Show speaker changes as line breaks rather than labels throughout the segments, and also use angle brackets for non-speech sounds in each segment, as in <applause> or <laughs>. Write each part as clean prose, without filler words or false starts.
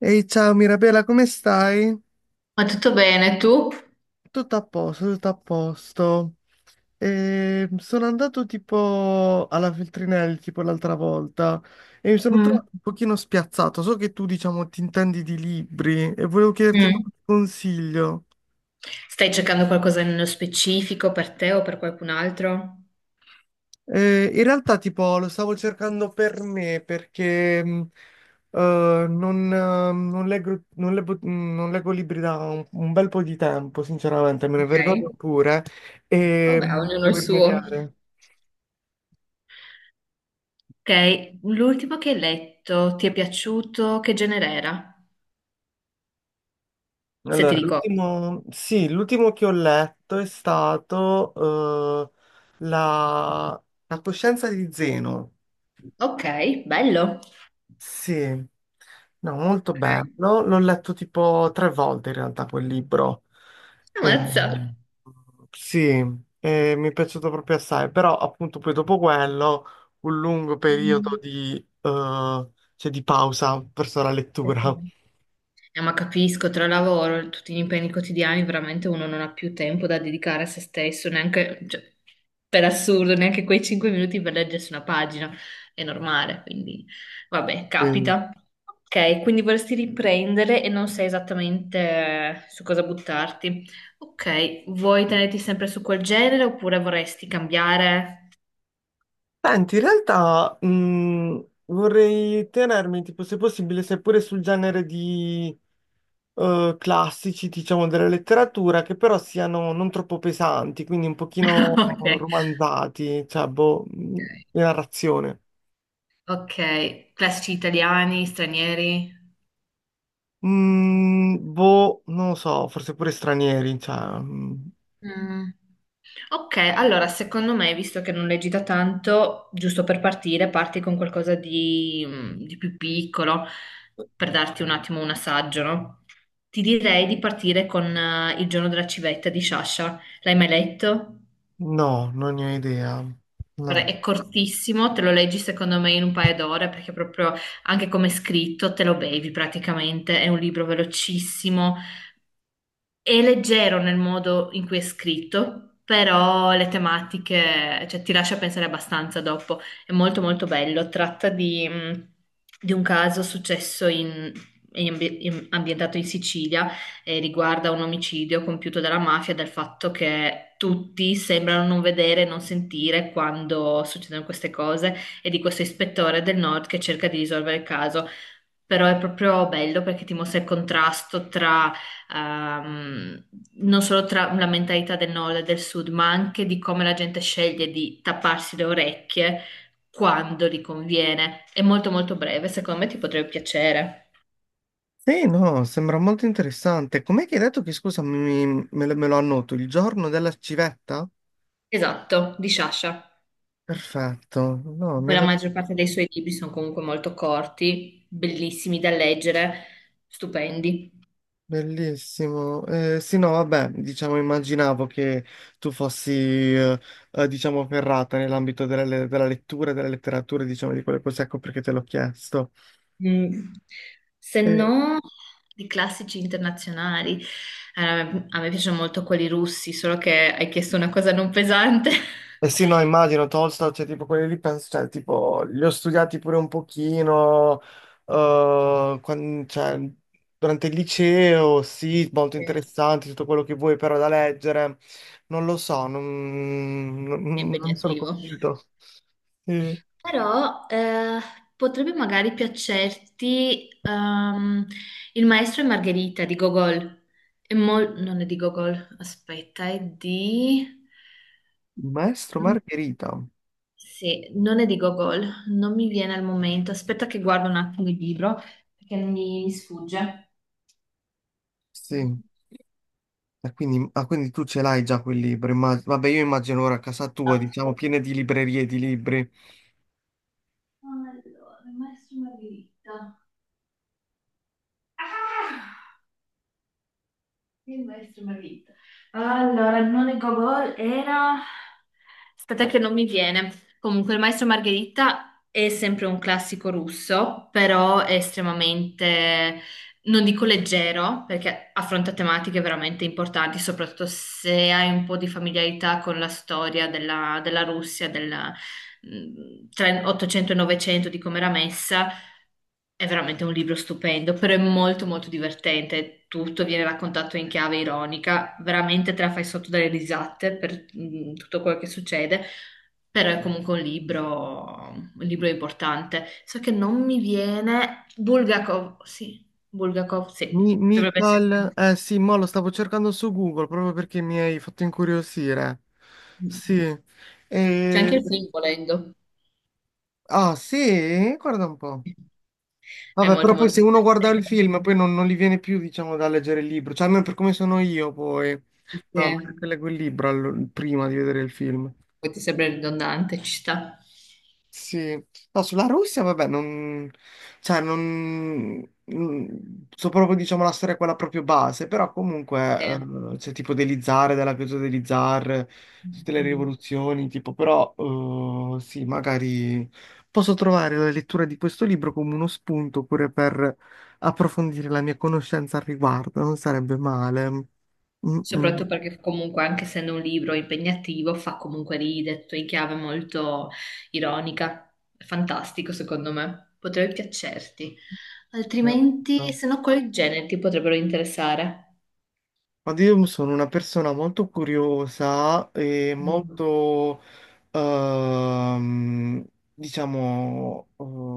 Ehi, ciao Mirabella, come stai?
Ma tutto bene, tu?
Tutto a posto, tutto a posto. E sono andato tipo alla Feltrinelli tipo l'altra volta e mi sono
Mm.
trovato un pochino spiazzato. So che tu, diciamo, ti intendi di libri e volevo chiederti
Mm.
qualche consiglio.
Stai cercando qualcosa nello specifico per te o per qualcun altro?
In realtà, tipo, lo stavo cercando per me perché non, non leggo, non leggo- non leggo libri da un bel po' di tempo, sinceramente, me ne
Ok,
vergogno pure e
vabbè, ognuno il
devo
suo.
rimediare.
Ok, l'ultimo che hai letto, ti è piaciuto? Che genere era? Se ti
Allora,
ricordo.
l'ultimo, sì, l'ultimo che ho letto è stato la coscienza di Zeno.
Ok, bello.
Sì, no, molto
Ok.
bello. L'ho letto tipo tre volte in realtà quel libro. Eh,
Ammazza.
sì, mi è piaciuto proprio assai, però appunto poi dopo quello un lungo periodo
Mm.
di, cioè, di pausa verso la lettura.
Ma capisco, tra lavoro, e tutti gli impegni quotidiani, veramente uno non ha più tempo da dedicare a se stesso, neanche, cioè, per assurdo, neanche quei 5 minuti per leggersi una pagina, è normale, quindi vabbè,
Sì.
capita. Ok, quindi vorresti riprendere e non sai esattamente su cosa buttarti. Ok, vuoi tenerti sempre su quel genere oppure vorresti cambiare?
Senti, in realtà vorrei tenermi, tipo, se possibile, seppure sul genere di classici, diciamo, della letteratura, che però siano non troppo pesanti, quindi un
<laughs>
pochino
Ok,
romanzati, cioè, boh, di narrazione.
ok, classici italiani, stranieri?
Boh, non lo so, forse pure stranieri, cioè,
Mm. Ok, allora secondo me, visto che non leggi da tanto, giusto per partire, parti con qualcosa di, di più piccolo, per darti un attimo un assaggio, no? Ti direi di partire con Il giorno della civetta di Sciascia. L'hai mai letto?
no, non ne ho idea.
Guarda,
No.
è cortissimo, te lo leggi secondo me in un paio d'ore, perché proprio anche come è scritto te lo bevi praticamente. È un libro velocissimo. È leggero nel modo in cui è scritto, però le tematiche, cioè, ti lascia pensare abbastanza dopo. È molto molto bello. Tratta di un caso successo ambientato in Sicilia e riguarda un omicidio compiuto dalla mafia, dal fatto che tutti sembrano non vedere, non sentire quando succedono queste cose e di questo ispettore del nord che cerca di risolvere il caso. Però è proprio bello perché ti mostra il contrasto tra ehm, non solo tra la mentalità del nord e del sud, ma anche di come la gente sceglie di tapparsi le orecchie quando gli conviene. È molto molto breve, secondo me ti potrebbe piacere.
Sì, no, sembra molto interessante. Com'è che hai detto che, scusa, me lo annoto, il giorno della civetta?
Esatto, di Sciascia.
Perfetto, no, mi
Poi
ha
la
dato.
maggior parte dei suoi libri sono comunque molto corti, bellissimi da leggere, stupendi.
Bellissimo. Sì, no, vabbè, diciamo, immaginavo che tu fossi, diciamo, ferrata nell'ambito della lettura, della letteratura, diciamo, di quello così, ecco perché te l'ho chiesto.
Mm. Se
Eh,
no, di classici internazionali. A me piacciono molto quelli russi, solo che hai chiesto una cosa non pesante. <laughs>
eh sì, no, immagino, Tolstoj, cioè, tipo, quelli lì, penso, cioè, tipo, li ho studiati pure un pochino, cioè, durante il liceo, sì, molto
Eh,
interessanti, tutto quello che vuoi, però da leggere, non lo so, non,
è
non, non sono
impegnativo.
convinto. Sì.
Però potrebbe magari piacerti Il maestro e Margherita di Gogol. Non è di Gogol, aspetta, è di...
Maestro Margherita,
Sì, non è di Gogol, non mi viene al momento. Aspetta che guardo un attimo il libro perché mi sfugge.
sì. E quindi tu ce l'hai già quel libro, vabbè io immagino ora a casa tua, diciamo, piena di librerie di libri.
Allora, il maestro e Margherita. Ah! Il maestro e Margherita. Allora, non è Gogol, era. Aspetta che non mi viene. Comunque, il maestro e Margherita è sempre un classico russo, però è estremamente, non dico leggero, perché affronta tematiche veramente importanti, soprattutto se hai un po' di familiarità con la storia della Russia, tra 800 e 900, di come era messa. È veramente un libro stupendo, però è molto molto divertente. Tutto viene raccontato in chiave ironica, veramente te la fai sotto dalle risate per tutto quello che succede, però è comunque un libro importante. So che non mi viene Bulgakov, sì, dovrebbe essere.
Michael, eh sì, mo lo stavo cercando su Google proprio perché mi hai fatto incuriosire.
Lui.
Sì.
C'è
E-
anche il film volendo.
Ah sì? Guarda un po'.
È
Vabbè,
molto
però poi
molto
se uno guarda il
divertente.
film poi non gli viene più, diciamo, da leggere il libro, cioè almeno per come sono io poi.
Sì,
No, a me che
sì,
leggo il libro prima di vedere il film.
poi ti sembra ridondante, ci sta.
Sì, no, sulla Russia, vabbè, non, cioè, non, non- so proprio, diciamo, la storia quella proprio base, però comunque,
Sì.
c'è tipo degli zar, della caduta degli zar,
Mm,
tutte le
mm.
rivoluzioni, tipo, però, sì, magari posso trovare la lettura di questo libro come uno spunto pure per approfondire la mia conoscenza al riguardo, non sarebbe male. Mm,
Soprattutto perché comunque anche essendo un libro impegnativo fa comunque ridere, tutto in chiave molto ironica. È fantastico secondo me, potrebbe piacerti.
mm.
Altrimenti, se no, quali generi ti potrebbero interessare?
Ma io sono una persona molto curiosa e
Mm.
molto, ehm, diciamo,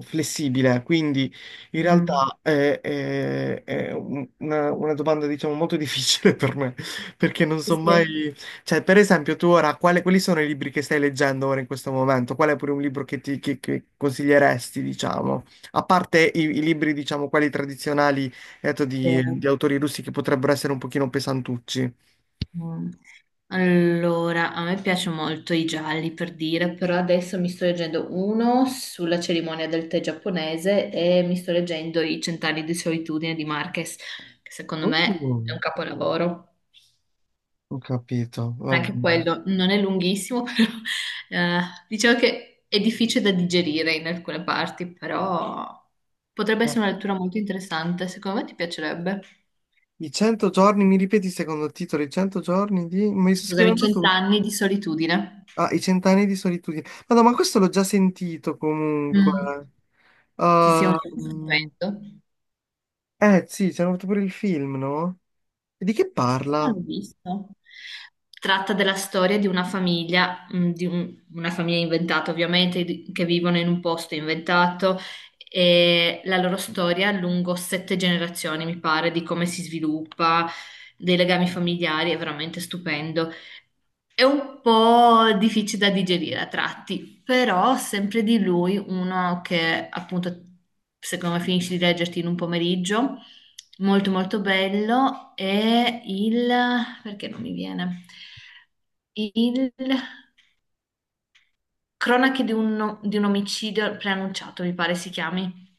flessibile, quindi in
Mm.
realtà è una domanda, diciamo, molto difficile <laughs> per me, perché non so
Sì,
mai. Cioè, per esempio, tu ora, quali sono i libri che stai leggendo ora in questo momento? Qual è pure un libro che che consiglieresti, diciamo? A parte i libri, diciamo, quelli tradizionali detto
sì.
di autori russi che potrebbero essere un pochino pesantucci.
Mm. Allora, a me piace molto i gialli per dire, però adesso mi sto leggendo uno sulla cerimonia del tè giapponese e mi sto leggendo I cent'anni di solitudine di Marquez, che secondo me è
Uh,
un capolavoro.
Ho capito, va
Anche
bene.
quello non è lunghissimo, <laughs> però diciamo che è difficile da digerire in alcune parti, però potrebbe
Eh,
essere una lettura molto interessante, secondo me ti piacerebbe.
I 100 giorni, mi ripeti il secondo titolo, i 100 giorni di. Mi sto
Scusami,
scrivendo tutto.
cent'anni di solitudine.
Ah, i cent'anni di solitudine. Ma no, ma questo l'ho già sentito comunque.
Mm. Sì, sì, è un
Ah,
libro stupendo.
eh sì, ci hanno fatto pure il film, no? E di che
Non
parla?
l'ho visto. Tratta della storia di una famiglia inventata ovviamente, che vivono in un posto inventato e la loro storia lungo sette generazioni, mi pare, di come si sviluppa, dei legami familiari, è veramente stupendo. È un po' difficile da digerire a tratti, però sempre di lui uno che appunto secondo me finisci di leggerti in un pomeriggio, molto molto bello, è il... perché non mi viene? Il Cronache di un omicidio preannunciato, mi pare si chiami.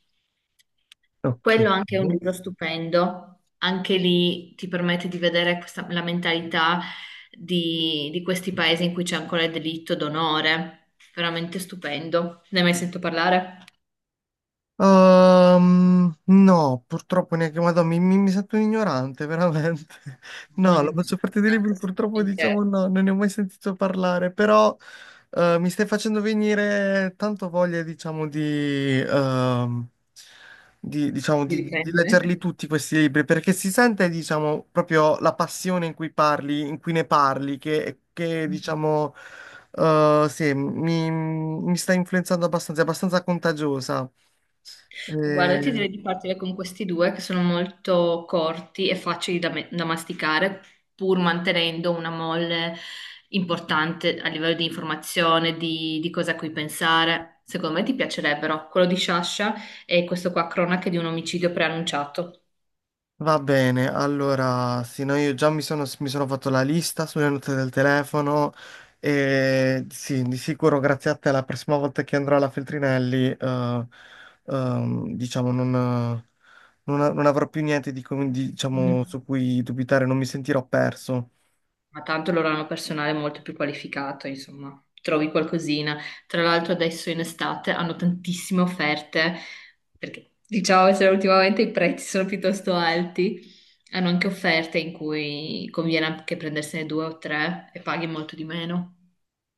Ok.
Quello anche è un libro stupendo, anche lì ti permette di vedere la mentalità di questi paesi in cui c'è ancora il delitto d'onore, veramente stupendo. Ne hai mai sentito parlare?
No, purtroppo neanche Madonna, mi sento un ignorante, veramente. <laughs> No,
Non
la
è questa
maggior parte dei
importanza
libri purtroppo
assolutamente
diciamo no, non ne ho mai sentito parlare, però mi stai facendo venire tanto voglia, diciamo, di, diciamo,
di
di
riprendere.
leggerli tutti questi libri, perché si sente, diciamo, proprio la passione in cui parli, in cui ne parli, che diciamo, sì, mi sta influenzando abbastanza, è abbastanza contagiosa.
Guarda, ti
Eh,
direi di partire con questi due che sono molto corti e facili da masticare, pur mantenendo una molle importante a livello di informazione, di cosa a cui pensare. Secondo me ti piacerebbero quello di Sciascia e questo qua, Cronache di un omicidio preannunciato.
Va bene, allora, sì, no, io già mi sono fatto la lista sulle note del telefono e sì, di sicuro grazie a te la prossima volta che andrò alla Feltrinelli, diciamo, non avrò più niente diciamo, su cui dubitare, non mi sentirò perso.
Ma tanto loro hanno personale molto più qualificato, insomma, trovi qualcosina. Tra l'altro adesso in estate hanno tantissime offerte, perché diciamo se ultimamente i prezzi sono piuttosto alti, hanno anche offerte in cui conviene anche prendersene due o tre e paghi molto di meno.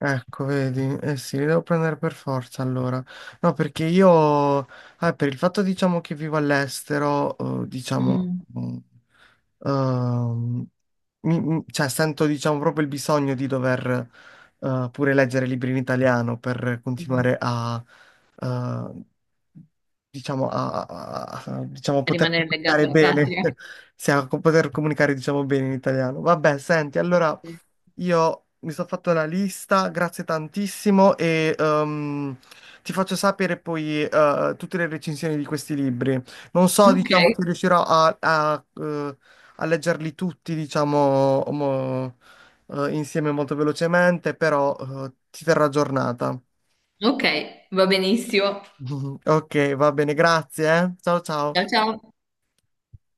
Ecco, vedi, eh sì, li devo prendere per forza allora. No, perché io, per il fatto diciamo che vivo all'estero, diciamo,
Mm,
mm, ehm, cioè sento diciamo proprio il bisogno di dover pure leggere libri in italiano per
sì.
continuare a, eh, diciamo, diciamo,
E
poter
rimanere legato
comunicare
alla
bene,
patria.
<laughs> sì, poter comunicare diciamo bene in italiano. Vabbè, senti, allora.
Sì.
Io mi sono fatto una lista, grazie tantissimo e ti faccio sapere poi tutte le recensioni di questi libri. Non so,
Ok,
diciamo, se riuscirò a, a leggerli tutti, diciamo, insieme molto velocemente, però ti terrò aggiornata.
ok, va benissimo.
<laughs> Ok, va bene, grazie, eh. Ciao ciao.
Ciao ciao.